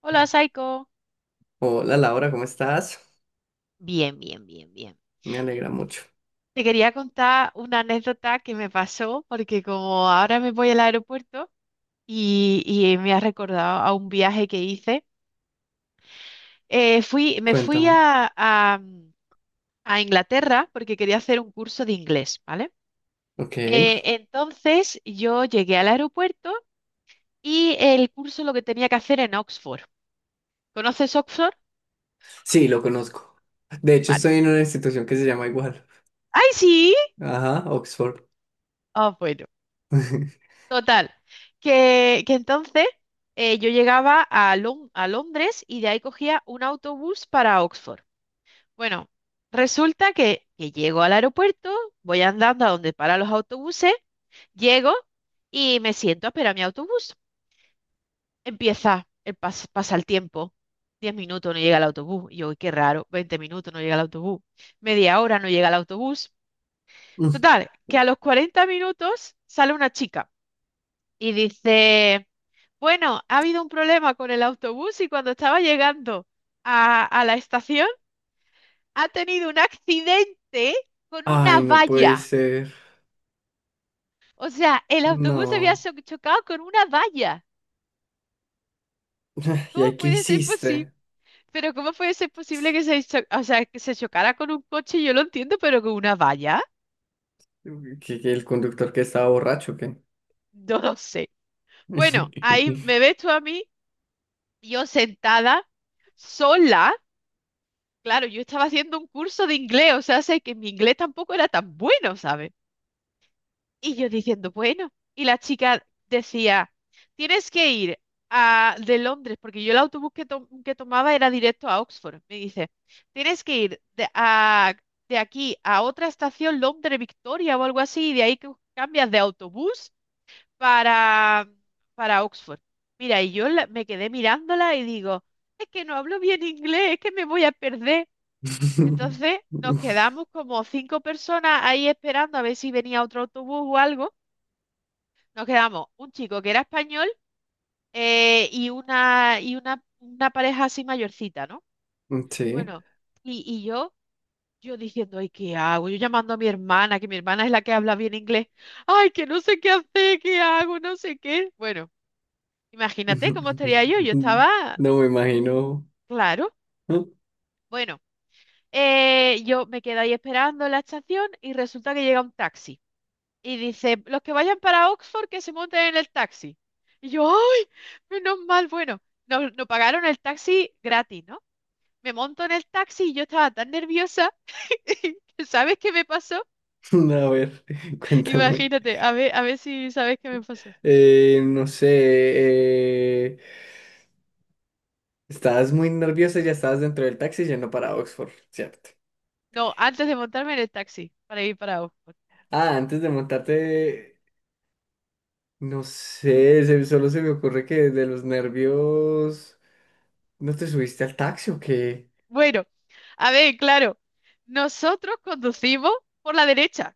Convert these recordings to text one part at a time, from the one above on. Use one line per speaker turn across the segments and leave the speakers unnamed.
Hola, Saiko.
Hola Laura, ¿cómo estás?
Bien, bien, bien, bien.
Me alegra mucho.
Te quería contar una anécdota que me pasó, porque como ahora me voy al aeropuerto y me ha recordado a un viaje que hice, me fui
Cuéntame.
a Inglaterra porque quería hacer un curso de inglés, ¿vale?
Ok.
Entonces yo llegué al aeropuerto y el curso lo que tenía que hacer en Oxford. ¿Conoces Oxford?
Sí, lo conozco. De hecho,
Vale.
estoy en una institución que se llama igual.
¡Ay, sí!
Ajá, Oxford.
Ah, bueno. Total, que entonces yo llegaba a Londres y de ahí cogía un autobús para Oxford. Bueno, resulta que llego al aeropuerto, voy andando a donde paran los autobuses, llego y me siento a esperar mi autobús. Empieza, pasa el tiempo, 10 minutos no llega el autobús. Y yo, "Uy, qué raro, 20 minutos no llega el autobús, media hora no llega el autobús.
Mm.
Total, que a los 40 minutos sale una chica y dice... Bueno, ha habido un problema con el autobús y cuando estaba llegando a la estación ha tenido un accidente con una
Ay, no puede
valla.
ser.
O sea, el autobús había
No.
chocado con una valla.
¿Y
¿Cómo
ahí qué
puede ser posible?
hiciste?
Pero ¿cómo puede ser posible que o sea, que se chocara con un coche? Yo lo entiendo, pero con una valla,
¿Que el conductor que estaba borracho, o ¿qué?
no lo sé. Bueno, ahí me ves tú a mí, yo sentada, sola. Claro, yo estaba haciendo un curso de inglés, o sea, sé que mi inglés tampoco era tan bueno, ¿sabes? Y yo diciendo, bueno, y la chica decía, tienes que ir de Londres, porque yo el autobús que tomaba era directo a Oxford. Me dice, tienes que ir de aquí a otra estación, Londres Victoria o algo así, y de ahí que cambias de autobús para, para Oxford. Mira, y yo me quedé mirándola y digo, es que no hablo bien inglés, es que me voy a perder. Entonces nos quedamos como cinco personas ahí esperando a ver si venía otro autobús o algo. Nos quedamos un chico que era español y una pareja así mayorcita, ¿no?
Sí.
Bueno, y yo diciendo, ay, ¿qué hago? Yo llamando a mi hermana, que mi hermana es la que habla bien inglés. Ay, que no sé qué hacer, qué hago, no sé qué. Bueno, imagínate cómo estaría yo. Yo estaba,
No me imagino.
claro. Bueno, yo me quedé ahí esperando en la estación y resulta que llega un taxi. Y dice, los que vayan para Oxford que se monten en el taxi. Y yo, ¡ay! Menos mal, bueno, no, no pagaron el taxi gratis, ¿no? Me monto en el taxi y yo estaba tan nerviosa. ¿Sabes qué me pasó?
A ver, cuéntame.
Imagínate, a ver si sabes qué me pasó.
No sé. eh, Estabas muy nerviosa, ya estabas dentro del taxi yendo para Oxford, ¿cierto?
No, antes de montarme en el taxi para ir para Oxford.
Ah, antes de montarte, no sé, solo se me ocurre que de los nervios, ¿no te subiste al taxi o qué?
Bueno, a ver, claro, nosotros conducimos por la derecha,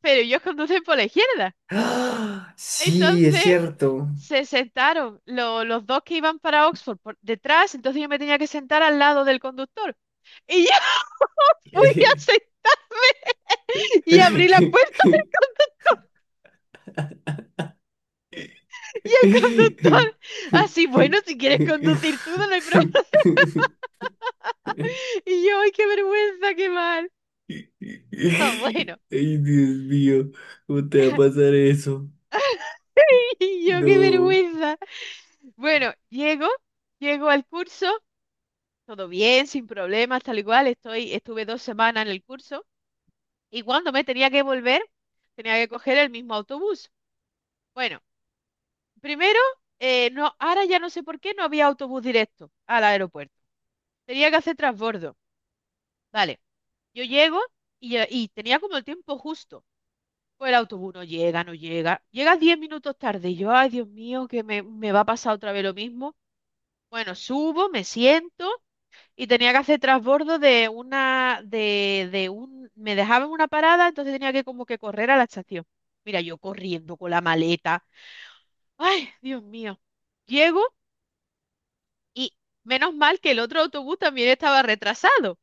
pero ellos conducen por la izquierda.
¡Ah! Sí, es
Entonces,
cierto.
se sentaron los dos que iban para Oxford por detrás, entonces yo me tenía que sentar al lado del conductor. Y ya fui y abrí la puerta y el conductor,
¿Qué?
así, bueno, si quieres conducir tú, no hay problema. Y yo, ay, qué vergüenza, qué mal. Ah, bueno,
Ay, Dios mío, ¿cómo te va a pasar eso?
y yo, qué
No.
vergüenza. Bueno, llego, llego al curso, todo bien, sin problemas, tal y cual, estuve 2 semanas en el curso y cuando me tenía que volver, tenía que coger el mismo autobús. Bueno. Primero, no, ahora ya no sé por qué no había autobús directo al aeropuerto. Tenía que hacer transbordo. Vale, yo llego y y tenía como el tiempo justo. Pues el autobús no llega, no llega. Llega 10 minutos tarde. Y yo, ay, Dios mío, que me va a pasar otra vez lo mismo. Bueno, subo, me siento y tenía que hacer transbordo de una, de un, me dejaban una parada, entonces tenía que como que correr a la estación. Mira, yo corriendo con la maleta. Ay, Dios mío. Llego Y menos mal que el otro autobús también estaba retrasado. O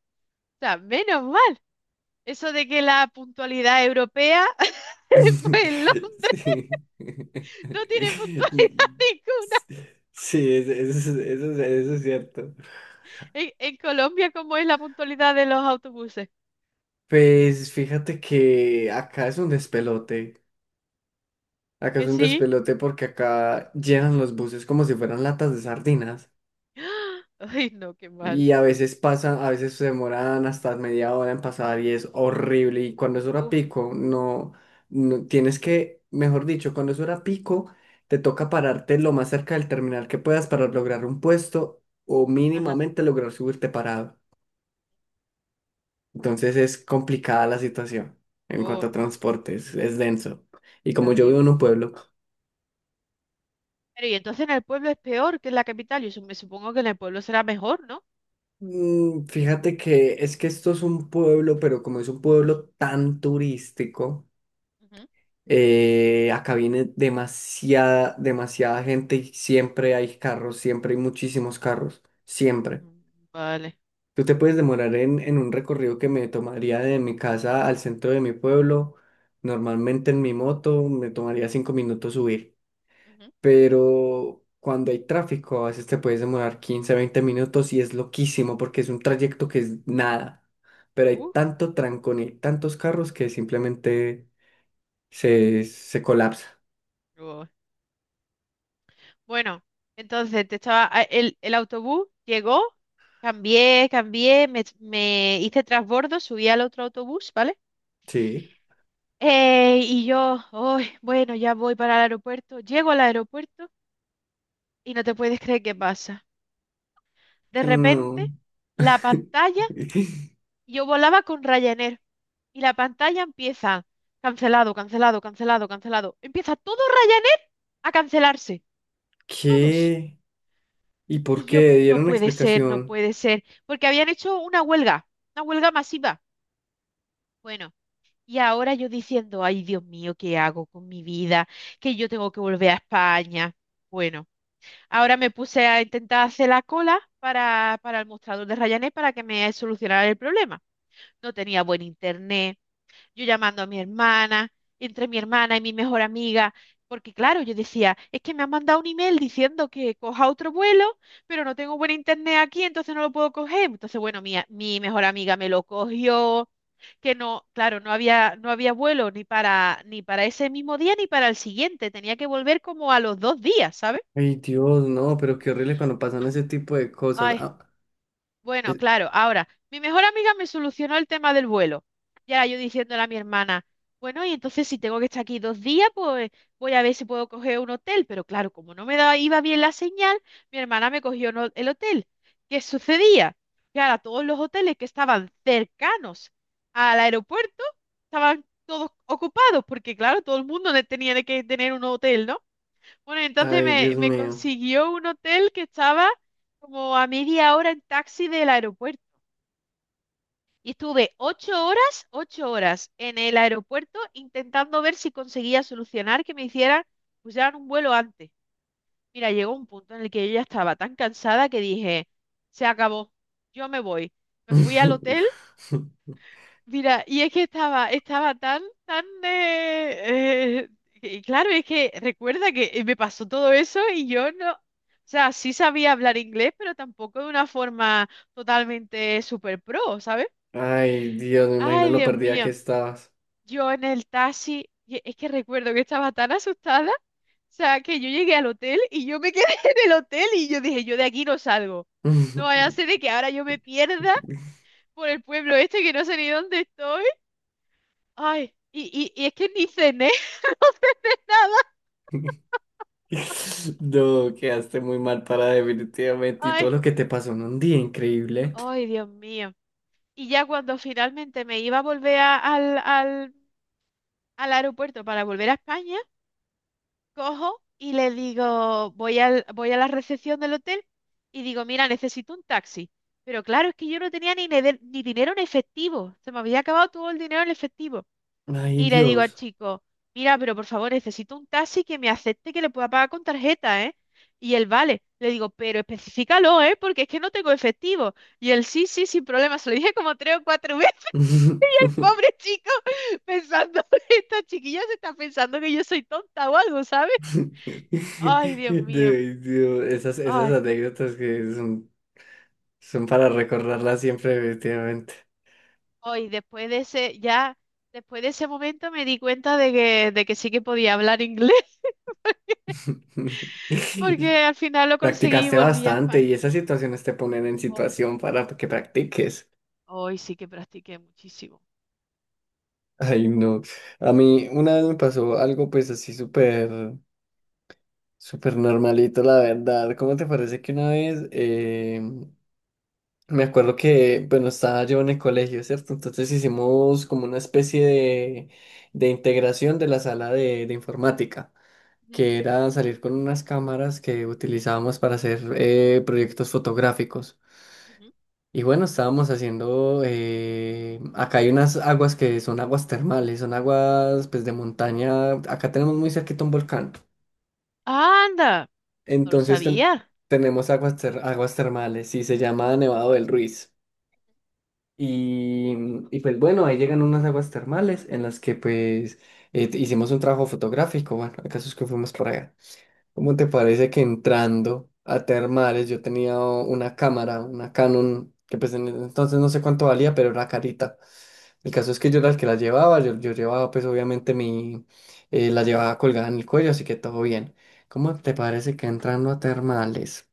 sea, menos mal. Eso de que la puntualidad europea, pues en Londres
Sí.
no tiene puntualidad ninguna.
Sí, es- eso es- eso, es eso es cierto.
En Colombia, ¿cómo es la puntualidad de los autobuses?
Pues fíjate que acá es un despelote. Acá es
Que
un
sí.
despelote porque acá llenan los buses como si fueran latas de sardinas.
Ay, no, qué mal.
Y a veces pasa, a veces se demoran hasta media hora en pasar y es horrible. Y cuando es hora
Uf,
pico, no, no tienes que, mejor dicho, cuando es hora pico, te toca pararte lo más cerca del terminal que puedas para lograr un puesto o
ajá.
mínimamente lograr subirte parado. Entonces es complicada la situación en cuanto
Oh,
a transportes, es denso. Y
qué
como yo vivo en
horrible.
un pueblo,
Pero y entonces en el pueblo es peor que en la capital. Yo me supongo que en el pueblo será mejor, ¿no?
mm, fíjate que es que esto es un pueblo, pero como es un pueblo tan turístico.
Ujú,
Acá viene demasiada gente y siempre hay carros, siempre hay muchísimos carros, siempre.
Mm, Vale.
Tú te puedes demorar en un recorrido que me tomaría de mi casa al centro de mi pueblo, normalmente en mi moto me tomaría cinco minutos subir,
ujú.
pero cuando hay tráfico a veces te puedes demorar 15 20 minutos y es loquísimo porque es un trayecto que es nada, pero hay
Uf,
tanto trancón y tantos carros que simplemente se colapsa,
oh, Bueno, entonces te estaba, a- el autobús llegó, cambié, me hice transbordo, subí al otro autobús, ¿vale?
¿sí?
Y yo, "Ay, bueno, ya voy para el aeropuerto, llego al aeropuerto y no te puedes creer qué pasa. De
No.
repente, la pantalla, yo volaba con Ryanair y la pantalla empieza cancelado, cancelado, cancelado, cancelado. Empieza todo Ryanair a cancelarse, todos.
¿Qué? ¿Y por
Y yo,
qué?
no
¿Dieron una
puede ser, no
explicación?
puede ser, porque habían hecho una huelga masiva. Bueno, y ahora yo diciendo, ay, Dios mío, ¿qué hago con mi vida? Que yo tengo que volver a España. Bueno, ahora me puse a intentar hacer la cola para el mostrador de Ryanair para que me solucionara el problema. No tenía buen internet, yo llamando a mi hermana, entre mi hermana y mi mejor amiga, porque claro, yo decía, es que me han mandado un email diciendo que coja otro vuelo, pero no tengo buen internet aquí, entonces no lo puedo coger. Entonces, bueno, mi mejor amiga me lo cogió, que no, claro, no había, no había vuelo ni para, ni para ese mismo día ni para el siguiente, tenía que volver como a los 2 días, ¿sabes?
Ay, Dios, no, pero qué horrible cuando pasan ese tipo de cosas.
Ay, Bueno,
Es-
claro, ahora, mi mejor amiga me solucionó el tema del vuelo. Y ahora yo diciéndole a mi hermana, bueno, y entonces si tengo que estar aquí 2 días, pues voy a ver si puedo coger un hotel. Pero claro, como no me daba, iba bien la señal, mi hermana me cogió el hotel. ¿Qué sucedía? Que ahora todos los hoteles que estaban cercanos al aeropuerto estaban todos ocupados, porque claro, todo el mundo tenía que tener un hotel, ¿no? Bueno, entonces
Ay,
me,
Dios
me
mío.
consiguió un hotel que estaba como a media hora en taxi del aeropuerto. Y estuve 8 horas, 8 horas en el aeropuerto intentando ver si conseguía solucionar que me hicieran pusieran un vuelo antes. Mira, llegó un punto en el que yo ya estaba tan cansada que dije, se acabó, yo me voy. Me fui al hotel Mira, y es que estaba tan, tan... y claro, es que recuerda que me pasó todo eso y yo no... O sea, sí sabía hablar inglés, pero tampoco de una forma totalmente super pro, ¿sabes?
Ay, Dios, me imagino
Ay,
lo
Dios
perdida que
mío.
estabas.
Yo en el taxi, y es que recuerdo que estaba tan asustada, o sea, que yo llegué al hotel y yo me quedé en el hotel y yo dije, yo de aquí no salgo. No vaya a ser de que ahora yo me pierda por el pueblo este que no sé ni dónde estoy Ay, y es que ni cené nada.
No, quedaste muy mal para definitivamente y todo
Ay,
lo que te pasó en un día increíble.
ay, Dios mío. Y ya cuando finalmente me iba a volver al al aeropuerto para volver a España, cojo y le digo, voy a la recepción del hotel y digo, mira, necesito un taxi. Pero claro, es que yo no tenía ni dinero en efectivo. Se me había acabado todo el dinero en efectivo.
Ay,
Y le digo al
Dios.
chico, mira, pero por favor, necesito un taxi que me acepte que le pueda pagar con tarjeta, ¿eh? Y él, vale. Le digo, pero especifícalo, ¿eh? Porque es que no tengo efectivo. Y él, sí, sí, sin problema. Se lo dije como tres o cuatro veces, pobre chico, pensando, esta chiquilla se está pensando que yo soy tonta o algo, ¿sabes? Ay, Dios mío.
Dios, Dios, esas
Ay,
anécdotas que son, son para recordarlas siempre, definitivamente.
hoy después de ese, ya, después de ese momento me di cuenta de que sí que podía hablar inglés, porque al final lo conseguí y
Practicaste
volví a
bastante
España.
y esas situaciones te ponen en
Ay,
situación para que practiques.
Hoy sí que practiqué muchísimo.
Ay, no. A mí una vez me pasó algo pues así súper, súper normalito, la verdad. ¿Cómo te parece que una vez me acuerdo que, bueno, estaba yo en el colegio, ¿cierto? Entonces hicimos como una especie de integración de la sala de informática,
Ujú,
que era salir con unas cámaras que utilizábamos para hacer proyectos fotográficos.
ujú,
Y bueno, estábamos haciendo, acá hay unas aguas que son aguas termales, son aguas pues de montaña, acá tenemos muy cerquita un volcán.
¡Anda! No lo
Entonces ten-
sabía.
Tenemos aguas termales y se llama Nevado del Ruiz. Y, y pues bueno, ahí llegan unas aguas termales en las que pues hicimos un trabajo fotográfico. Bueno, el caso es que fuimos por allá. ¿Cómo te parece que entrando a termales yo tenía una cámara, una Canon, que pues en ese entonces no sé cuánto valía, pero era carita? El caso es
Ujú.
que yo era el que la llevaba, yo llevaba pues obviamente mi, la llevaba colgada en el cuello, así que todo bien. ¿Cómo te parece que entrando a termales?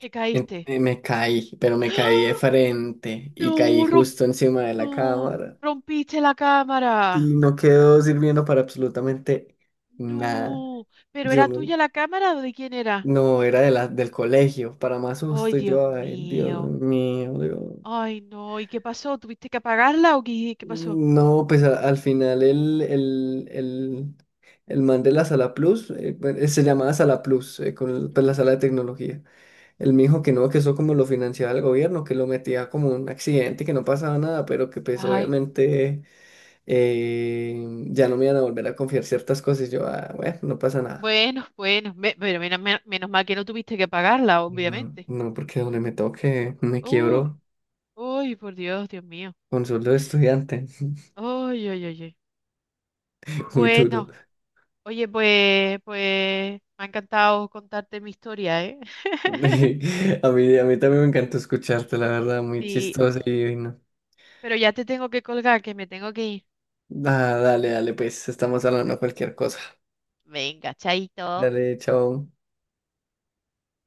Te caíste.
Me caí, pero me caí de
¡Ah!
frente y caí
No, rom-
justo encima de la
no,
cámara
rompiste la cámara.
y no quedó sirviendo para absolutamente nada.
No, pero
Yo
¿era
no,
tuya la cámara o de quién era?
No, era de del colegio, para más
¡Ay,
susto. Y
Dios
yo, ay, Dios
mío!
mío, Dios.
¡Ay, no! ¿Y qué pasó? ¿Tuviste que apagarla o qué pasó?
No, pues al final el man de la Sala Plus, bueno, se llamaba Sala Plus, pues, la
Ujú.
sala de tecnología. El mijo que no, que eso como lo financiaba el gobierno, que lo metía como un accidente, que no pasaba nada, pero que pues
Ay,
obviamente ya no me iban a volver a confiar ciertas cosas. Y yo, ah, bueno, no pasa nada.
bueno, bueno, menos mal que no tuviste que apagarla,
No,
obviamente.
no, porque donde me toque me
Uh,
quiebro
uy, por Dios, Dios mío.
con sueldo de estudiante,
¡Ay ay ay! Uy.
muy duro.
Bueno. Oye, pues me ha encantado contarte mi historia, ¿eh?
A mí también me encantó escucharte, la verdad, muy
Sí,
chistoso y no.
pero ya te tengo que colgar, que me tengo que ir.
Ah, dale, dale, pues estamos hablando de cualquier cosa.
Venga, chaito.
Dale, chao.